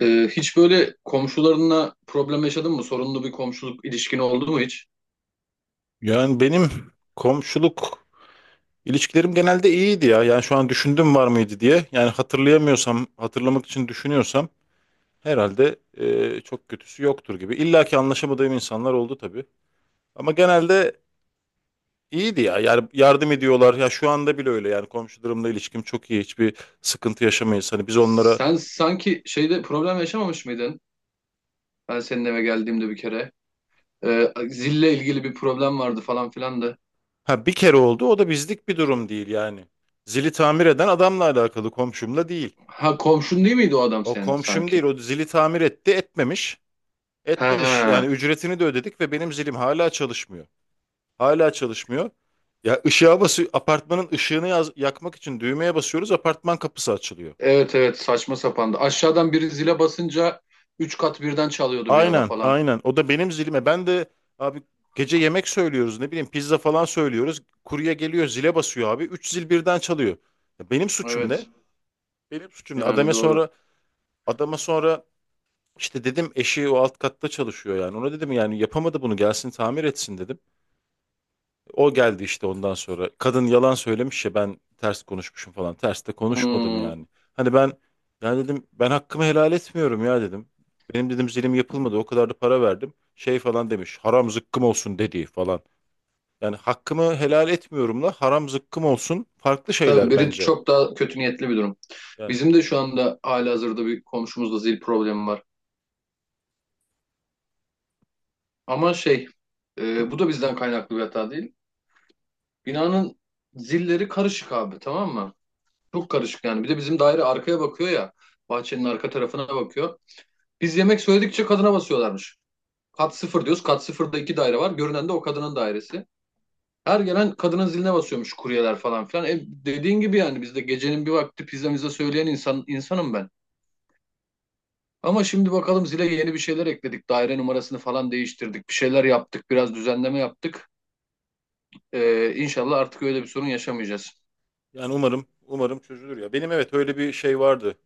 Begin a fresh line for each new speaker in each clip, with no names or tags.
Hiç böyle komşularınla problem yaşadın mı? Sorunlu bir komşuluk ilişkin oldu mu hiç?
Yani benim komşuluk ilişkilerim genelde iyiydi ya. Yani şu an düşündüm var mıydı diye. Yani hatırlayamıyorsam, hatırlamak için düşünüyorsam herhalde çok kötüsü yoktur gibi. İlla ki anlaşamadığım insanlar oldu tabii. Ama genelde iyiydi ya. Yani yardım ediyorlar. Ya şu anda bile öyle. Yani komşularımla ilişkim çok iyi. Hiçbir sıkıntı yaşamayız. Hani biz onlara
Sen sanki şeyde problem yaşamamış mıydın? Ben senin eve geldiğimde bir kere. Zille ilgili bir problem vardı falan filan da.
ha, bir kere oldu. O da bizlik bir durum değil yani. Zili tamir eden adamla alakalı, komşumla değil.
Ha, komşun değil miydi o adam
O
senin
komşum değil.
sanki?
O zili tamir etti, etmemiş. Etmemiş yani,
Ha,
ücretini de ödedik ve benim zilim hala çalışmıyor. Hala çalışmıyor. Ya ışığa basıyor, apartmanın ışığını yakmak için düğmeye basıyoruz, apartman kapısı açılıyor.
evet evet, saçma sapandı. Aşağıdan biri zile basınca üç kat birden çalıyordu bir ara
Aynen
falan.
aynen, o da benim zilime, ben de abi, gece yemek söylüyoruz, ne bileyim, pizza falan söylüyoruz. Kurye geliyor, zile basıyor, abi 3 zil birden çalıyor. Ya benim suçum ne?
Evet,
Benim suçum ne?
yani
Adama
doğru.
sonra, adama sonra işte dedim, eşi o alt katta çalışıyor yani, ona dedim yani, yapamadı bunu, gelsin tamir etsin dedim. O geldi işte ondan sonra. Kadın yalan söylemiş ya, ben ters konuşmuşum falan. Ters de konuşmadım
Hmm.
yani. Hani ben, yani dedim, ben hakkımı helal etmiyorum ya dedim. Benim dedim zilim yapılmadı. O kadar da para verdim. Şey falan demiş. Haram zıkkım olsun dediği falan. Yani hakkımı helal etmiyorumla haram zıkkım olsun farklı
Tabii
şeyler
biri
bence.
çok daha kötü niyetli bir durum.
Yani
Bizim de şu anda halihazırda bir komşumuzla zil problemi var. Ama bu da bizden kaynaklı bir hata değil. Binanın zilleri karışık abi, tamam mı? Çok karışık yani. Bir de bizim daire arkaya bakıyor ya. Bahçenin arka tarafına bakıyor. Biz yemek söyledikçe kadına basıyorlarmış. Kat sıfır diyoruz. Kat sıfırda iki daire var. Görünen de o kadının dairesi. Her gelen kadının ziline basıyormuş kuryeler falan filan. Dediğin gibi yani biz de gecenin bir vakti pizzamıza söyleyen insanım ben. Ama şimdi bakalım zile yeni bir şeyler ekledik. Daire numarasını falan değiştirdik. Bir şeyler yaptık. Biraz düzenleme yaptık. İnşallah artık öyle bir sorun yaşamayacağız.
yani umarım umarım çözülür ya. Benim evet öyle bir şey vardı.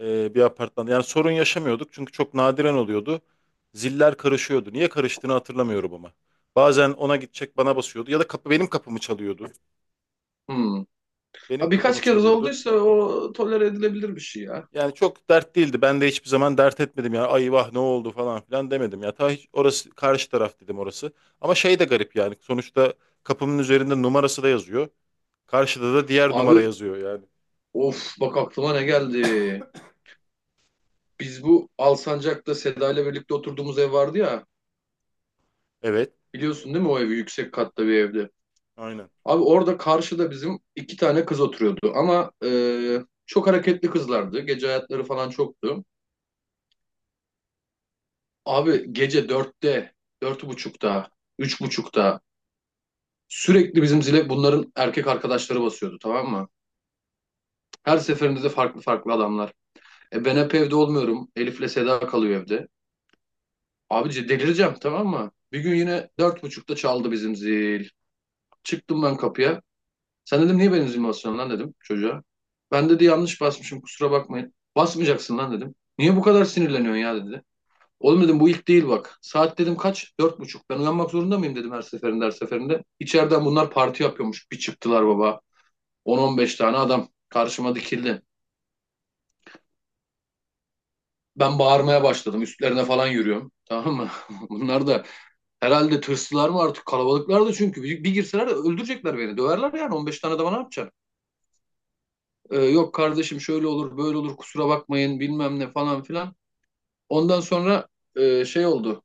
Bir apartmanda. Yani sorun yaşamıyorduk çünkü çok nadiren oluyordu. Ziller karışıyordu. Niye karıştığını hatırlamıyorum ama. Bazen ona gidecek bana basıyordu, ya da kapı, benim kapımı çalıyordu.
Hmm.
Benim
Ha,
kapımı
birkaç kez
çalıyordu.
olduysa o tolere edilebilir bir şey ya.
Yani çok dert değildi. Ben de hiçbir zaman dert etmedim ya. Ay vah ne oldu falan filan demedim ya. Ta hiç, orası karşı taraf dedim, orası. Ama şey de garip yani. Sonuçta kapımın üzerinde numarası da yazıyor. Karşıda da diğer numara
Abi,
yazıyor yani.
of, bak aklıma ne geldi. Biz bu Alsancak'ta Seda ile birlikte oturduğumuz ev vardı ya.
Evet.
Biliyorsun değil mi, o evi yüksek katlı bir evdi.
Aynen.
Abi orada karşıda bizim iki tane kız oturuyordu ama çok hareketli kızlardı. Gece hayatları falan çoktu. Abi gece 4'te, 4:30'da, 3:30'da sürekli bizim zile bunların erkek arkadaşları basıyordu, tamam mı? Her seferinde de farklı farklı adamlar. Ben hep evde olmuyorum. Elif'le Seda kalıyor evde. Abici delireceğim, tamam mı? Bir gün yine 4:30'da çaldı bizim zil. Çıktım ben kapıya. Sen, dedim, niye benim zilimi basıyorsun lan, dedim çocuğa. Ben, dedi, yanlış basmışım, kusura bakmayın. Basmayacaksın lan, dedim. Niye bu kadar sinirleniyorsun ya, dedi. Oğlum, dedim, bu ilk değil bak. Saat, dedim, kaç? 4:30. Ben uyanmak zorunda mıyım, dedim, her seferinde her seferinde. İçeriden bunlar parti yapıyormuş. Bir çıktılar baba. 10-15 tane adam karşıma dikildi. Ben bağırmaya başladım. Üstlerine falan yürüyorum. Tamam mı? Bunlar da herhalde tırsılar mı artık? Kalabalıklar da çünkü. Bir girseler öldürecekler beni. Döverler yani. 15 tane de bana yapacaksın. Yok kardeşim, şöyle olur böyle olur, kusura bakmayın bilmem ne falan filan. Ondan sonra oldu.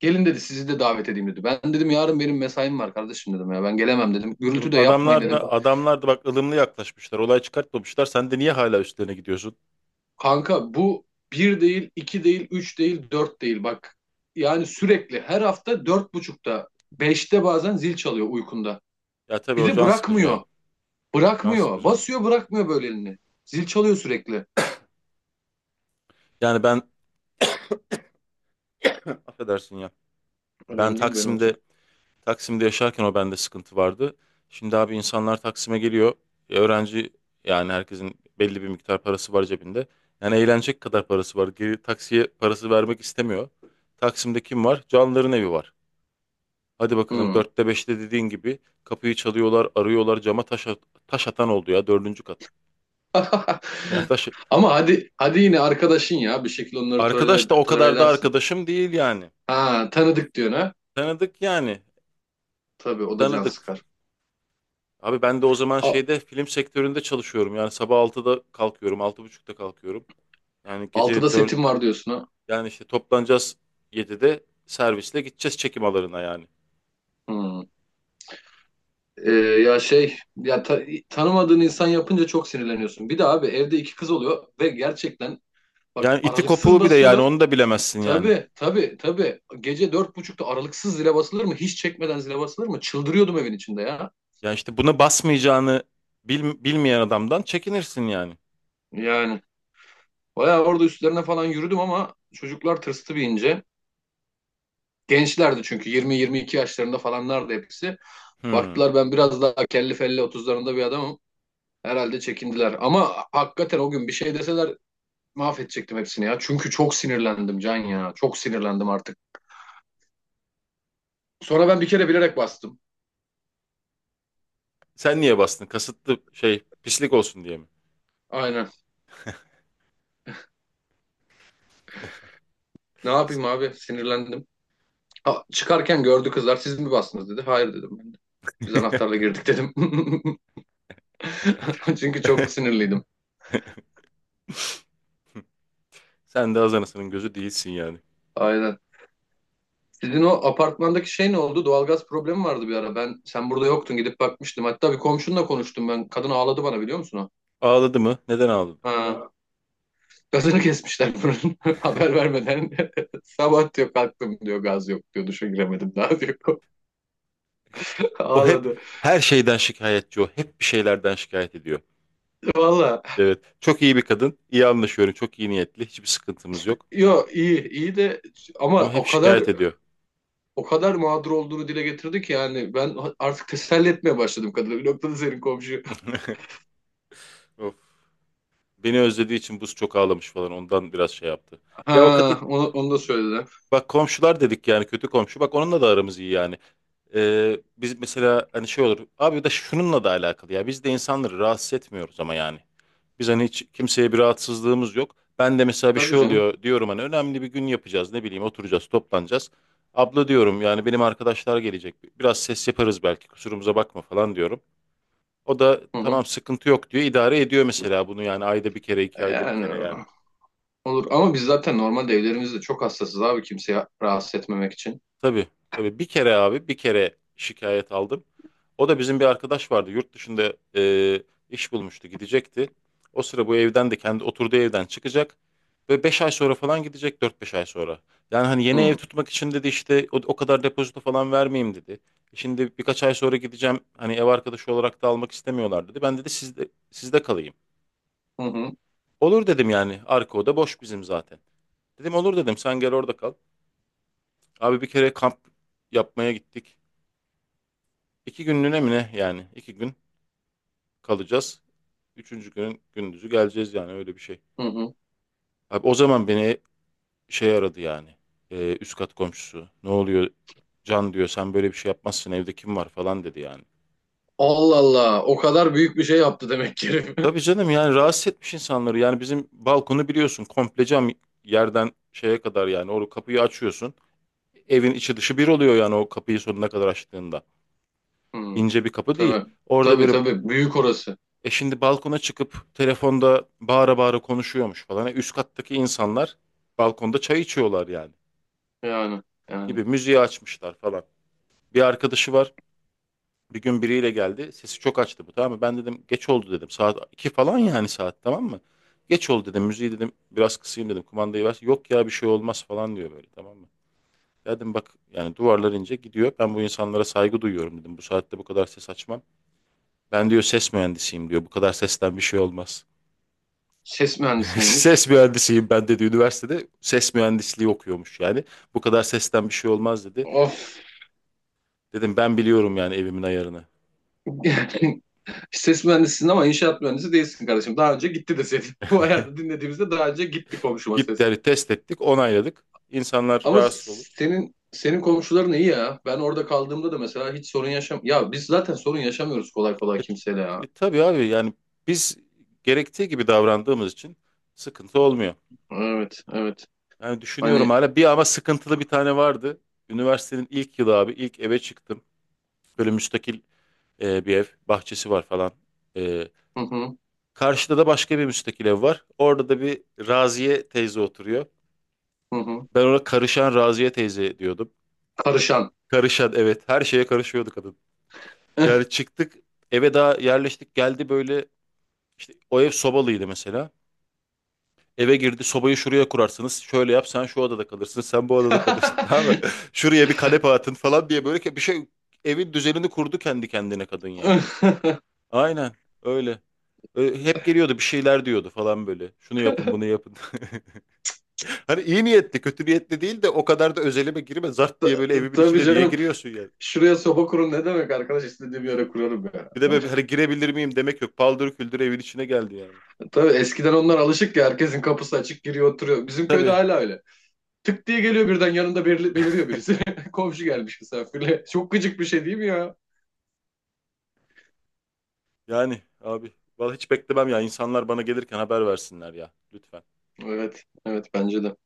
Gelin, dedi, sizi de davet edeyim, dedi. Ben dedim, yarın benim mesaim var kardeşim, dedim ya. Ben gelemem, dedim.
Oğlum
Gürültü de yapmayın,
adamlar
dedim.
da, adamlar da bak ılımlı yaklaşmışlar. Olay çıkartmamışlar. Sen de niye hala üstlerine gidiyorsun?
Kanka, bu bir değil, iki değil, üç değil, dört değil. Bak yani sürekli her hafta 4:30'da, 5'te bazen zil çalıyor uykunda.
Ya tabii,
Bir
o
de
can sıkıcı
bırakmıyor.
ya. Can
Bırakmıyor.
sıkıcı.
Basıyor bırakmıyor böyle elini. Zil çalıyor sürekli.
Yani ben, affedersin ya. Ben
Önemli değil, ben olacak.
Taksim'de, yaşarken o bende sıkıntı vardı. Şimdi abi, insanlar Taksim'e geliyor. Öğrenci, yani herkesin belli bir miktar parası var cebinde. Yani eğlenecek kadar parası var. Geri taksiye parası vermek istemiyor. Taksim'de kim var? Canların evi var. Hadi bakalım,
Hmm.
dörtte beşte dediğin gibi kapıyı çalıyorlar, arıyorlar. Cama taş, taş atan oldu ya, dördüncü kat. Yani taş,
Ama hadi hadi, yine arkadaşın ya, bir şekilde onları
arkadaş da
tolere,
o
tolere
kadar da
edersin.
arkadaşım değil yani.
Ha, tanıdık diyorsun ha.
Tanıdık yani.
Tabii, o da can
Tanıdık.
sıkar.
Abi ben de o zaman
A-
şeyde, film sektöründe çalışıyorum. Yani sabah 6'da kalkıyorum, 6:30'da kalkıyorum. Yani
6'da
gece dört,
setim var diyorsun ha.
yani işte toplanacağız, 7'de servisle gideceğiz çekim alanına yani.
Hmm. Ee, ya şey ya ta- tanımadığın insan yapınca çok sinirleniyorsun. Bir de abi evde iki kız oluyor ve gerçekten bak
Yani iti
aralıksız
kopuğu, bir de yani
basıyorlar.
onu da bilemezsin yani.
Tabii, tabii, tabii. Gece 4:30'da aralıksız zile basılır mı? Hiç çekmeden zile basılır mı? Çıldırıyordum evin içinde ya.
Yani işte buna basmayacağını bilmeyen adamdan çekinirsin yani.
Yani bayağı orada üstlerine falan yürüdüm ama çocuklar tırstı bir ince. Gençlerdi çünkü 20-22 yaşlarında falanlardı hepsi.
Hmm.
Baktılar, ben biraz daha kelli felli 30'larında bir adamım. Herhalde çekindiler. Ama hakikaten o gün bir şey deseler mahvedecektim hepsini ya. Çünkü çok sinirlendim Can ya. Çok sinirlendim artık. Sonra ben bir kere bilerek bastım.
Sen niye bastın? Kasıtlı, şey, pislik olsun diye mi?
Aynen. Ne yapayım abi? Sinirlendim. Ha, çıkarken gördü kızlar. Siz mi bastınız, dedi. Hayır, dedim ben de. Biz anahtarla girdik, dedim. Çünkü çok sinirliydim.
Sen de Hazanası'nın gözü değilsin yani.
Aynen. Sizin o apartmandaki şey ne oldu? Doğalgaz problemi vardı bir ara. Ben sen burada yoktun gidip bakmıştım. Hatta bir komşunla konuştum ben. Kadın ağladı bana, biliyor musun o?
Ağladı mı? Neden ağladı?
Ha. Gazını kesmişler bunun haber vermeden. Sabah, diyor, kalktım, diyor, gaz yok, diyor, duşa giremedim daha, diyor.
O hep
Ağladı.
her şeyden şikayetçi o. Hep bir şeylerden şikayet ediyor.
Valla,
Evet. Çok iyi bir kadın. İyi anlaşıyorum. Çok iyi niyetli. Hiçbir sıkıntımız yok.
yo, iyi iyi de ama
Ama hep
o kadar
şikayet ediyor.
o kadar mağdur olduğunu dile getirdi ki, yani ben artık teselli etmeye başladım kadını. Bir noktada senin komşu.
Of. Beni özlediği için buz çok ağlamış falan. Ondan biraz şey yaptı.
Ha,
Ya o kadın,
onu da söyledi.
bak komşular dedik yani, kötü komşu. Bak onunla da aramız iyi yani. Biz mesela hani şey olur. Abi da şununla da alakalı ya. Biz de insanları rahatsız etmiyoruz ama yani. Biz hani hiç kimseye bir rahatsızlığımız yok. Ben de mesela bir
Tabii
şey
canım.
oluyor diyorum, hani önemli bir gün yapacağız, ne bileyim, oturacağız, toplanacağız. Abla diyorum yani, benim arkadaşlar gelecek, biraz ses yaparız belki, kusurumuza bakma falan diyorum. O da
Hı hı.
tamam, sıkıntı yok diyor, idare ediyor mesela bunu yani, ayda bir kere, iki ayda bir
Yani
kere yani.
olur, ama biz zaten normalde evlerimizde çok hassasız abi, kimseye rahatsız etmemek için.
Tabii, tabii. Bir kere abi, bir kere şikayet aldım. O da bizim bir arkadaş vardı. Yurt dışında iş bulmuştu, gidecekti. O sıra bu evden de, kendi oturduğu evden çıkacak. Ve 5 ay sonra falan gidecek, dört beş ay sonra. Yani hani yeni ev
Hı
tutmak için dedi, işte o, o kadar depozito falan vermeyeyim dedi. Şimdi birkaç ay sonra gideceğim. Hani ev arkadaşı olarak da almak istemiyorlar dedi. Ben dedi sizde kalayım.
hı hı.
Olur dedim yani. Arka oda boş bizim zaten. Dedim olur, dedim sen gel orada kal. Abi bir kere kamp yapmaya gittik. İki günlüğüne mi ne yani? İki gün kalacağız. Üçüncü günün gündüzü geleceğiz, yani öyle bir şey.
Hı.
Abi o zaman beni şey aradı yani. Üst kat komşusu. Ne oluyor? Can diyor sen böyle bir şey yapmazsın, evde kim var falan dedi yani.
Allah Allah, o kadar büyük bir şey yaptı demek ki herif.
Tabii canım, yani rahatsız etmiş insanları. Yani bizim balkonu biliyorsun, komple cam, yerden şeye kadar yani. O kapıyı açıyorsun. Evin içi dışı bir oluyor yani, o kapıyı sonuna kadar açtığında.
Hmm,
İnce bir kapı değil.
tabii.
Orada
Tabii
böyle
tabii. Büyük orası.
Şimdi balkona çıkıp telefonda bağıra bağıra konuşuyormuş falan. Üst kattaki insanlar balkonda çay içiyorlar yani,
Yani. Yani.
gibi, müziği açmışlar falan. Bir arkadaşı var. Bir gün biriyle geldi. Sesi çok açtı bu, tamam mı? Ben dedim geç oldu dedim. Saat 2 falan yani, saat tamam mı? Geç oldu dedim. Müziği dedim biraz kısayım dedim. Kumandayı ver. Yok ya, bir şey olmaz falan diyor böyle, tamam mı? Dedim bak yani, duvarlar ince gidiyor. Ben bu insanlara saygı duyuyorum dedim. Bu saatte bu kadar ses açmam. Ben diyor ses mühendisiyim diyor. Bu kadar sesten bir şey olmaz.
Ses mühendisi miymiş?
Ses mühendisiyim ben dedi, üniversitede. Ses mühendisliği okuyormuş yani. Bu kadar sesten bir şey olmaz dedi.
Of.
Dedim ben biliyorum yani, evimin ayarını.
Yani ses mühendisisin ama inşaat mühendisi değilsin kardeşim. Daha önce gitti deseydin. Bu ayarda dinlediğimizde daha önce gitti komşuma
Gitti
ses.
yani, test ettik, onayladık. İnsanlar
Ama
rahatsız olur.
senin komşuların iyi ya. Ben orada kaldığımda da mesela hiç sorun yaşam... Ya biz zaten sorun yaşamıyoruz kolay kolay
E,
kimseyle ya.
tabii abi yani, biz gerektiği gibi davrandığımız için sıkıntı olmuyor.
Evet, evet.
Yani düşünüyorum,
Hani
hala bir ama sıkıntılı bir tane vardı. Üniversitenin ilk yılı abi, ilk eve çıktım. Böyle müstakil bir ev, bahçesi var falan. E,
hı hı,
Karşıda da başka bir müstakil ev var. Orada da bir Raziye teyze oturuyor.
hı hı.
Ben ona karışan Raziye teyze diyordum.
Karışan.
Karışan, evet, her şeye karışıyordu kadın. Yani çıktık, eve daha yerleştik, geldi böyle işte, o ev sobalıydı mesela. Eve girdi, sobayı şuraya kurarsınız. Şöyle yap, sen şu odada kalırsın, sen bu odada kalırsın, tamam mı? Şuraya bir kanepe atın falan diye, böyle bir şey, evin düzenini kurdu kendi kendine kadın yani. Aynen öyle. Hep geliyordu, bir şeyler diyordu falan böyle. Şunu yapın, bunu yapın. Hani iyi niyetli, kötü niyetli değil de, o kadar da özelime girme. Zart diye böyle evimin
Tabii
içine niye
canım.
giriyorsun yani?
Şuraya soba kurun ne demek, arkadaş istediğim yere kurarım ya.
Bir de böyle hani girebilir miyim demek yok. Paldır küldür evin içine geldi yani.
Tabii eskiden onlar alışık ya, herkesin kapısı açık giriyor oturuyor. Bizim köyde
Tabii
hala öyle. Tık diye geliyor, birden yanında beliriyor birisi. Komşu gelmiş misafirle. Çok gıcık bir şey değil mi ya?
yani abi. Vallahi hiç beklemem ya. İnsanlar bana gelirken haber versinler ya. Lütfen.
Evet. Evet bence de.